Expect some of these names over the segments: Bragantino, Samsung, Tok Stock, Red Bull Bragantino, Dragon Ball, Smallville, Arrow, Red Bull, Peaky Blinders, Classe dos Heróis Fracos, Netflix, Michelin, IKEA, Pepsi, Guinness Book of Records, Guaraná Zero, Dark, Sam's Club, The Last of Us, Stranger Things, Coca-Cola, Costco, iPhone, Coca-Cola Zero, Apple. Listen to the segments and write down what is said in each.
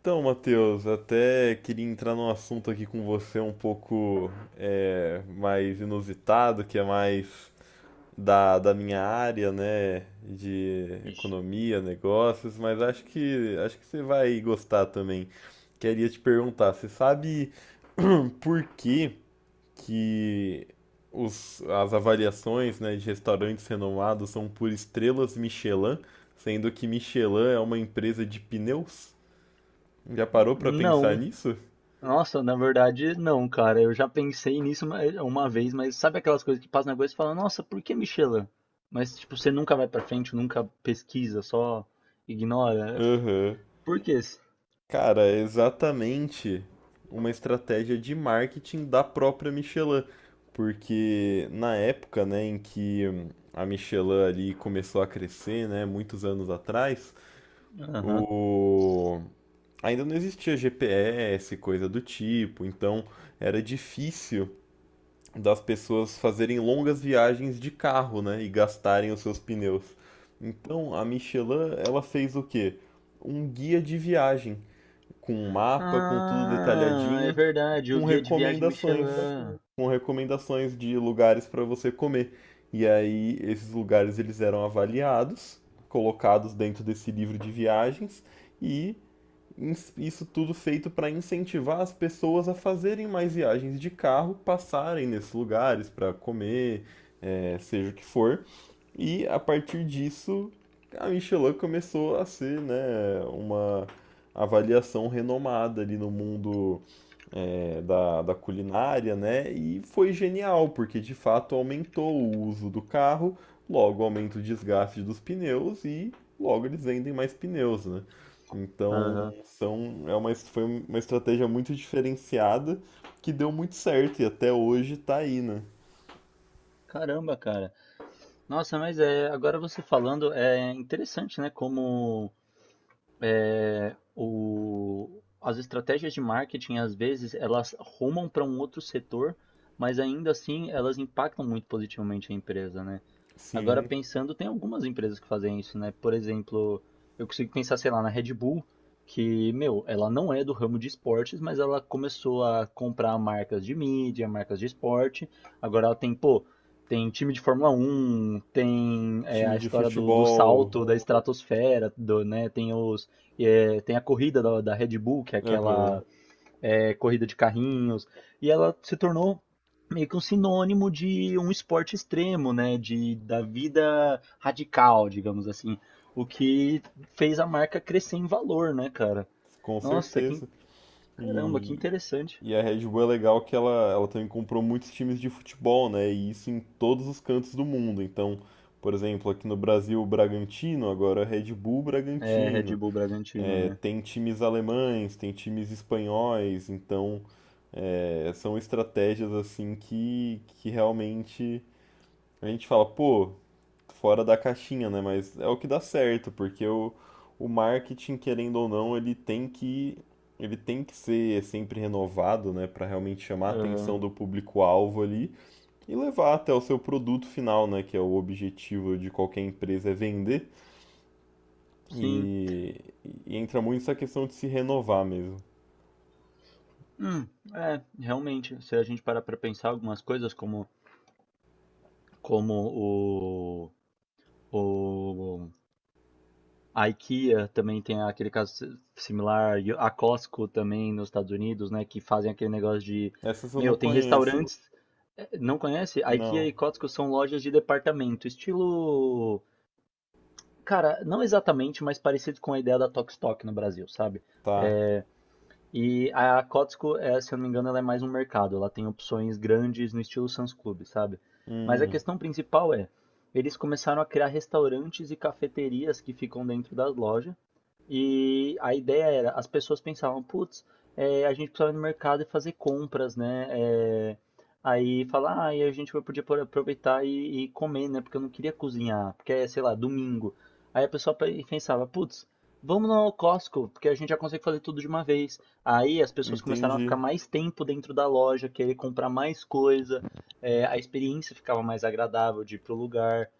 Então, Matheus, até queria entrar num assunto aqui com você um pouco mais inusitado, que é mais da minha área, né, de Ixi. economia, negócios, mas acho que você vai gostar também. Queria te perguntar, você sabe por que as avaliações, né, de restaurantes renomados são por estrelas Michelin, sendo que Michelin é uma empresa de pneus? Já parou pra pensar Não. nisso? Nossa, na verdade, não, cara. Eu já pensei nisso uma vez, mas sabe aquelas coisas que passam na cabeça e fala, nossa, por que Michelin? Mas, tipo, você nunca vai pra frente, nunca pesquisa, só ignora. É, Aham. por quê? Cara, é exatamente uma estratégia de marketing da própria Michelin, porque na época, né, em que a Michelin ali começou a crescer, né, muitos anos atrás, Aham. o ainda não existia GPS, coisa do tipo, então era difícil das pessoas fazerem longas viagens de carro, né, e gastarem os seus pneus. Então, a Michelin, ela fez o quê? Um guia de viagem, com um mapa, com tudo Ah, é detalhadinho, verdade, o com guia de viagem recomendações, Michelin. com recomendações de lugares para você comer. E aí, esses lugares eles eram avaliados, colocados dentro desse livro de viagens e isso tudo feito para incentivar as pessoas a fazerem mais viagens de carro, passarem nesses lugares para comer, seja o que for. E a partir disso, a Michelin começou a ser, né, uma avaliação renomada ali no mundo da culinária, né? E foi genial, porque de fato aumentou o uso do carro, logo aumenta o desgaste dos pneus e logo eles vendem mais pneus, né? Então Aham. Foi uma estratégia muito diferenciada que deu muito certo e até hoje tá aí, né? Caramba, cara. Nossa, mas é, agora você falando, é interessante, né? Como as estratégias de marketing, às vezes, elas rumam para um outro setor, mas ainda assim elas impactam muito positivamente a empresa, né? Agora, Sim, pensando, tem algumas empresas que fazem isso, né? Por exemplo, eu consigo pensar, sei lá, na Red Bull, que, meu, ela não é do ramo de esportes, mas ela começou a comprar marcas de mídia, marcas de esporte. Agora ela tem, pô, tem time de Fórmula Um, tem time a de história do futebol, salto da estratosfera, do, né? Tem os, é, tem a corrida da Red Bull, que é aham, aquela é, corrida de carrinhos, e ela se tornou meio que um sinônimo de um esporte extremo, né, de, da vida radical, digamos assim, o que fez a marca crescer em valor, né, cara? com Nossa, que, certeza. caramba, que E, interessante. e a Red Bull é legal que ela também comprou muitos times de futebol, né? E isso em todos os cantos do mundo. Então, por exemplo, aqui no Brasil, o Bragantino, agora é Red Bull É, Red Bragantino. Bull Bragantino, É, né? tem times alemães, tem times espanhóis. Então, é, são estratégias assim que realmente a gente fala, pô, fora da caixinha, né? Mas é o que dá certo, porque o marketing, querendo ou não, ele tem que ser sempre renovado, né, para realmente chamar a atenção Aham, do público-alvo ali e levar até o seu produto final, né, que é o objetivo de qualquer empresa é vender. sim. E, e entra muito essa questão de se renovar mesmo. Hum, é, realmente, se a gente parar pra pensar algumas coisas como, como o a IKEA também tem aquele caso similar, e a Costco também nos Estados Unidos, né, que fazem aquele negócio de, Essas eu não meu, tem conheço. restaurantes, não conhece? A IKEA Não. e Costco são lojas de departamento, estilo, cara, não exatamente, mas parecido com a ideia da Tok Stock no Brasil, sabe? Tá. É, e a Kotsko, é, se eu não me engano, ela é mais um mercado. Ela tem opções grandes no estilo Sam's Club, sabe? Mas a Hum, questão principal é, eles começaram a criar restaurantes e cafeterias que ficam dentro das lojas. E a ideia era, as pessoas pensavam, putz, é, a gente precisava ir no mercado e fazer compras, né? É, aí falar, ah, e a gente podia aproveitar e comer, né? Porque eu não queria cozinhar, porque é, sei lá, domingo. Aí a pessoa pensava, putz, vamos no Costco, porque a gente já consegue fazer tudo de uma vez. Aí as pessoas começaram a entendi. ficar mais tempo dentro da loja, querer comprar mais coisa, é, a experiência ficava mais agradável de ir pro lugar.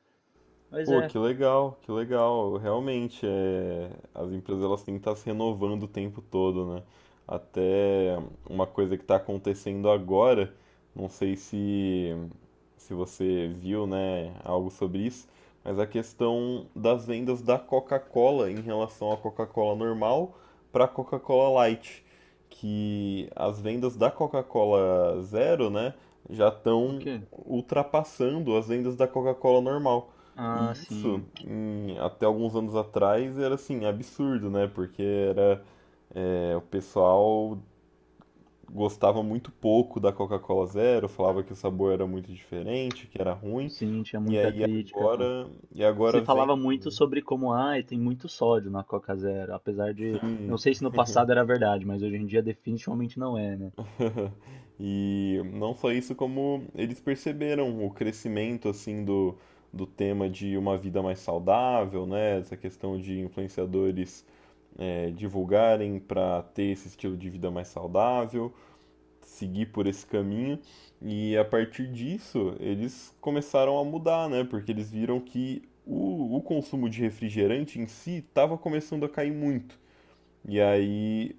Mas Pô, é, que legal, que legal. Realmente, é, as empresas elas têm que estar se renovando o tempo todo, né? Até uma coisa que está acontecendo agora, não sei se você viu, né, algo sobre isso, mas a questão das vendas da Coca-Cola em relação à Coca-Cola normal para a Coca-Cola Light, que as vendas da Coca-Cola Zero, né, já o estão quê? ultrapassando as vendas da Coca-Cola normal. Ah, E isso, sim, em- até alguns anos atrás, era assim, absurdo, né? Porque era, é, o pessoal gostava muito pouco da Coca-Cola Zero, falava que o sabor era muito diferente, que era ruim, sim, tinha e muita aí crítica. agora, e agora Se falava vem, muito né? sobre como, ai, tem muito sódio na Coca Zero, apesar de, não Sim. sei se no passado era verdade, mas hoje em dia definitivamente não é, né? E não só isso, como eles perceberam o crescimento assim do tema de uma vida mais saudável, né? Essa questão de influenciadores divulgarem para ter esse estilo de vida mais saudável, seguir por esse caminho. E a partir disso, eles começaram a mudar, né? Porque eles viram que o consumo de refrigerante em si estava começando a cair muito. E aí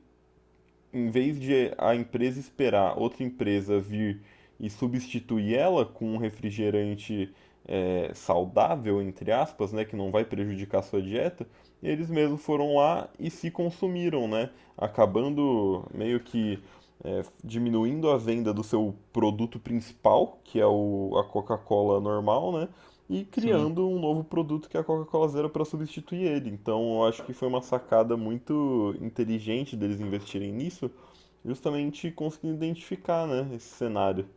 em vez de a empresa esperar outra empresa vir e substituir ela com um refrigerante saudável, entre aspas, né, que não vai prejudicar a sua dieta, eles mesmos foram lá e se consumiram, né, acabando meio que diminuindo a venda do seu produto principal, que é a Coca-Cola normal, né, e Sim. criando um novo produto que é a Coca-Cola Zero para substituir ele. Então, eu acho que foi uma sacada muito inteligente deles investirem nisso, justamente conseguindo identificar, né, esse cenário.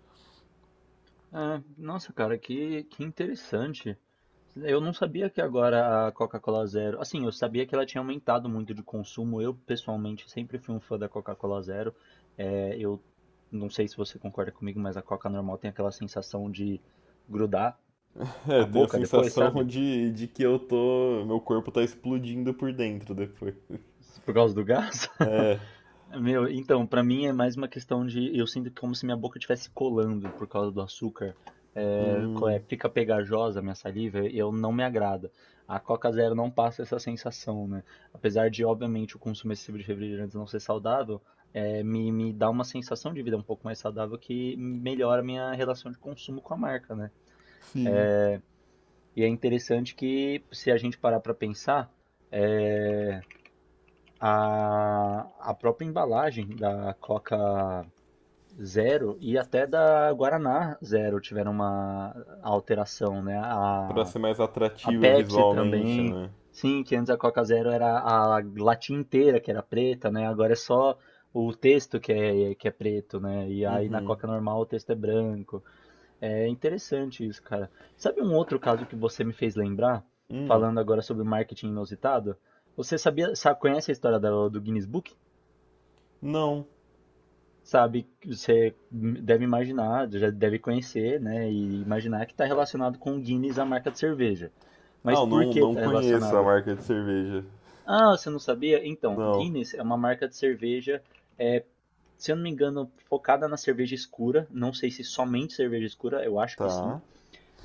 É, nossa, cara, que interessante. Eu não sabia que agora a Coca-Cola Zero. Assim, eu sabia que ela tinha aumentado muito de consumo. Eu, pessoalmente, sempre fui um fã da Coca-Cola Zero. É, eu não sei se você concorda comigo, mas a Coca normal tem aquela sensação de grudar É, a eu tenho a boca depois, sensação sabe? De que eu tô, meu corpo tá explodindo por dentro depois. Por causa do gás. É, Meu, então, pra mim é mais uma questão de. Eu sinto como se minha boca estivesse colando por causa do açúcar. É, qual hum, é, fica pegajosa a minha saliva e eu não me agrada. A Coca Zero não passa essa sensação, né? Apesar de, obviamente, o consumo excessivo de refrigerantes não ser saudável, é, me dá uma sensação de vida um pouco mais saudável que melhora a minha relação de consumo com a marca, né? sim, E é interessante que, se a gente parar pra pensar, é, a, a própria embalagem da Coca Zero e até da Guaraná Zero tiveram uma alteração, né? para ser mais A atrativa Pepsi visualmente, também. né? Sim, que antes a Coca Zero era a latinha inteira que era preta, né? Agora é só o texto que é preto, né? E aí na Uhum. Coca normal o texto é branco. É interessante isso, cara. Sabe um outro caso que você me fez lembrar? Hum, Falando agora sobre marketing inusitado? Você sabia, sabe, conhece a história do Guinness Book? não. Sabe, você deve imaginar, já deve conhecer, né, e imaginar que está relacionado com Guinness, a marca de cerveja. Ah, Mas eu por não, que não está conheço a relacionado? marca de cerveja. Ah, você não sabia? Então, Não. Guinness é uma marca de cerveja, é, se eu não me engano, focada na cerveja escura. Não sei se somente cerveja escura, eu acho que sim, Tá.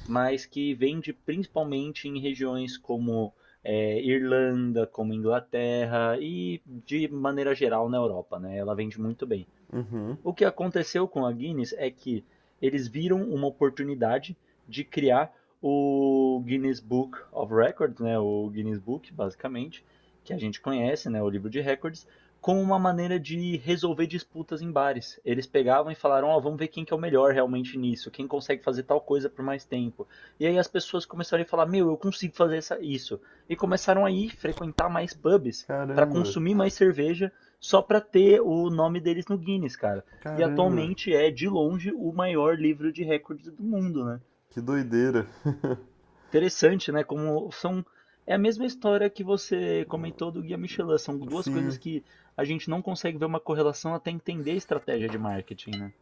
mas que vende principalmente em regiões como é, Irlanda, como Inglaterra e de maneira geral na Europa, né? Ela vende muito bem. Uhum. O que aconteceu com a Guinness é que eles viram uma oportunidade de criar o Guinness Book of Records, né, o Guinness Book, basicamente, que a gente conhece, né, o livro de recordes, como uma maneira de resolver disputas em bares. Eles pegavam e falaram, ó, oh, vamos ver quem que é o melhor realmente nisso, quem consegue fazer tal coisa por mais tempo. E aí as pessoas começaram a falar, meu, eu consigo fazer isso. E começaram a ir frequentar mais pubs para Caramba. consumir mais cerveja só para ter o nome deles no Guinness, cara, e Caramba, atualmente é, de longe, o maior livro de recordes do mundo, né? que doideira. Interessante, né? Como são. É a mesma história que você comentou do Guia Michelin. São duas coisas Sim, que a gente não consegue ver uma correlação até entender a estratégia de marketing, né?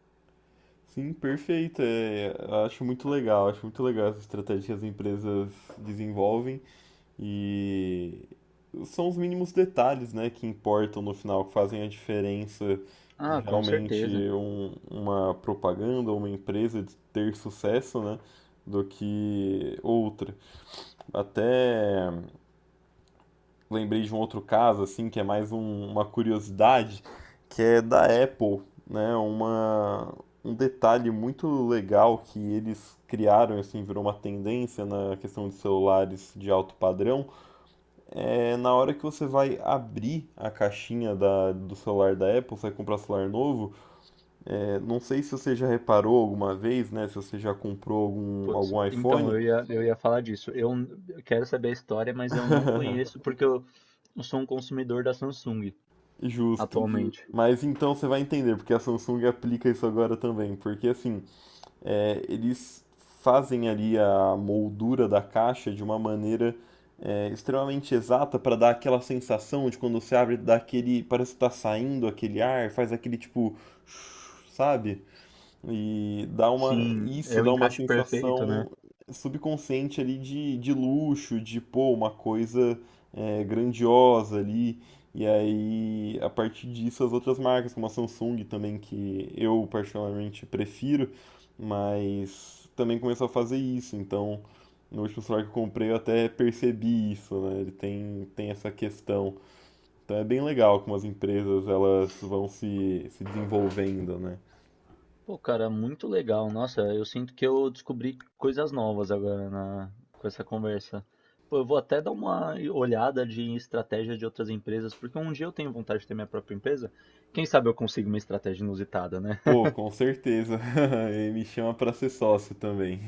sim, perfeito. É, acho muito legal essa estratégia que as empresas desenvolvem e são os mínimos detalhes, né, que importam no final, que fazem a diferença de Ah, com realmente certeza. um- uma propaganda ou uma empresa de ter sucesso, né, do que outra. Até lembrei de um outro caso, assim, que é mais um- uma curiosidade, que é da Apple, né? Um detalhe muito legal que eles criaram, assim, virou uma tendência na questão de celulares de alto padrão, é na hora que você vai abrir a caixinha do celular da Apple, você vai comprar celular novo, é, não sei se você já reparou alguma vez, né? Se você já comprou Putz, algum então, iPhone. Eu ia falar disso. Eu quero saber a história, mas eu não conheço porque eu sou um consumidor da Samsung Justo. atualmente. Mas então você vai entender porque a Samsung aplica isso agora também, porque assim, é, eles fazem ali a moldura da caixa de uma maneira extremamente exata para dar aquela sensação de quando você abre, dá aquele, parece que tá saindo aquele ar, faz aquele tipo, sabe? E dá uma, Sim, isso é o dá uma encaixe perfeito, né? sensação subconsciente ali de luxo, de pô, uma coisa grandiosa ali. E aí, a partir disso, as outras marcas, como a Samsung também, que eu particularmente prefiro, mas também começou a fazer isso. Então, no último celular que eu comprei, eu até percebi isso, né? Tem essa questão. Então é bem legal como as empresas elas vão se desenvolvendo, né? Pô, cara, muito legal. Nossa, eu sinto que eu descobri coisas novas agora com essa conversa. Pô, eu vou até dar uma olhada de estratégia de outras empresas, porque um dia eu tenho vontade de ter minha própria empresa. Quem sabe eu consigo uma estratégia inusitada, né? Pô, com certeza. Ele me chama pra ser sócio também.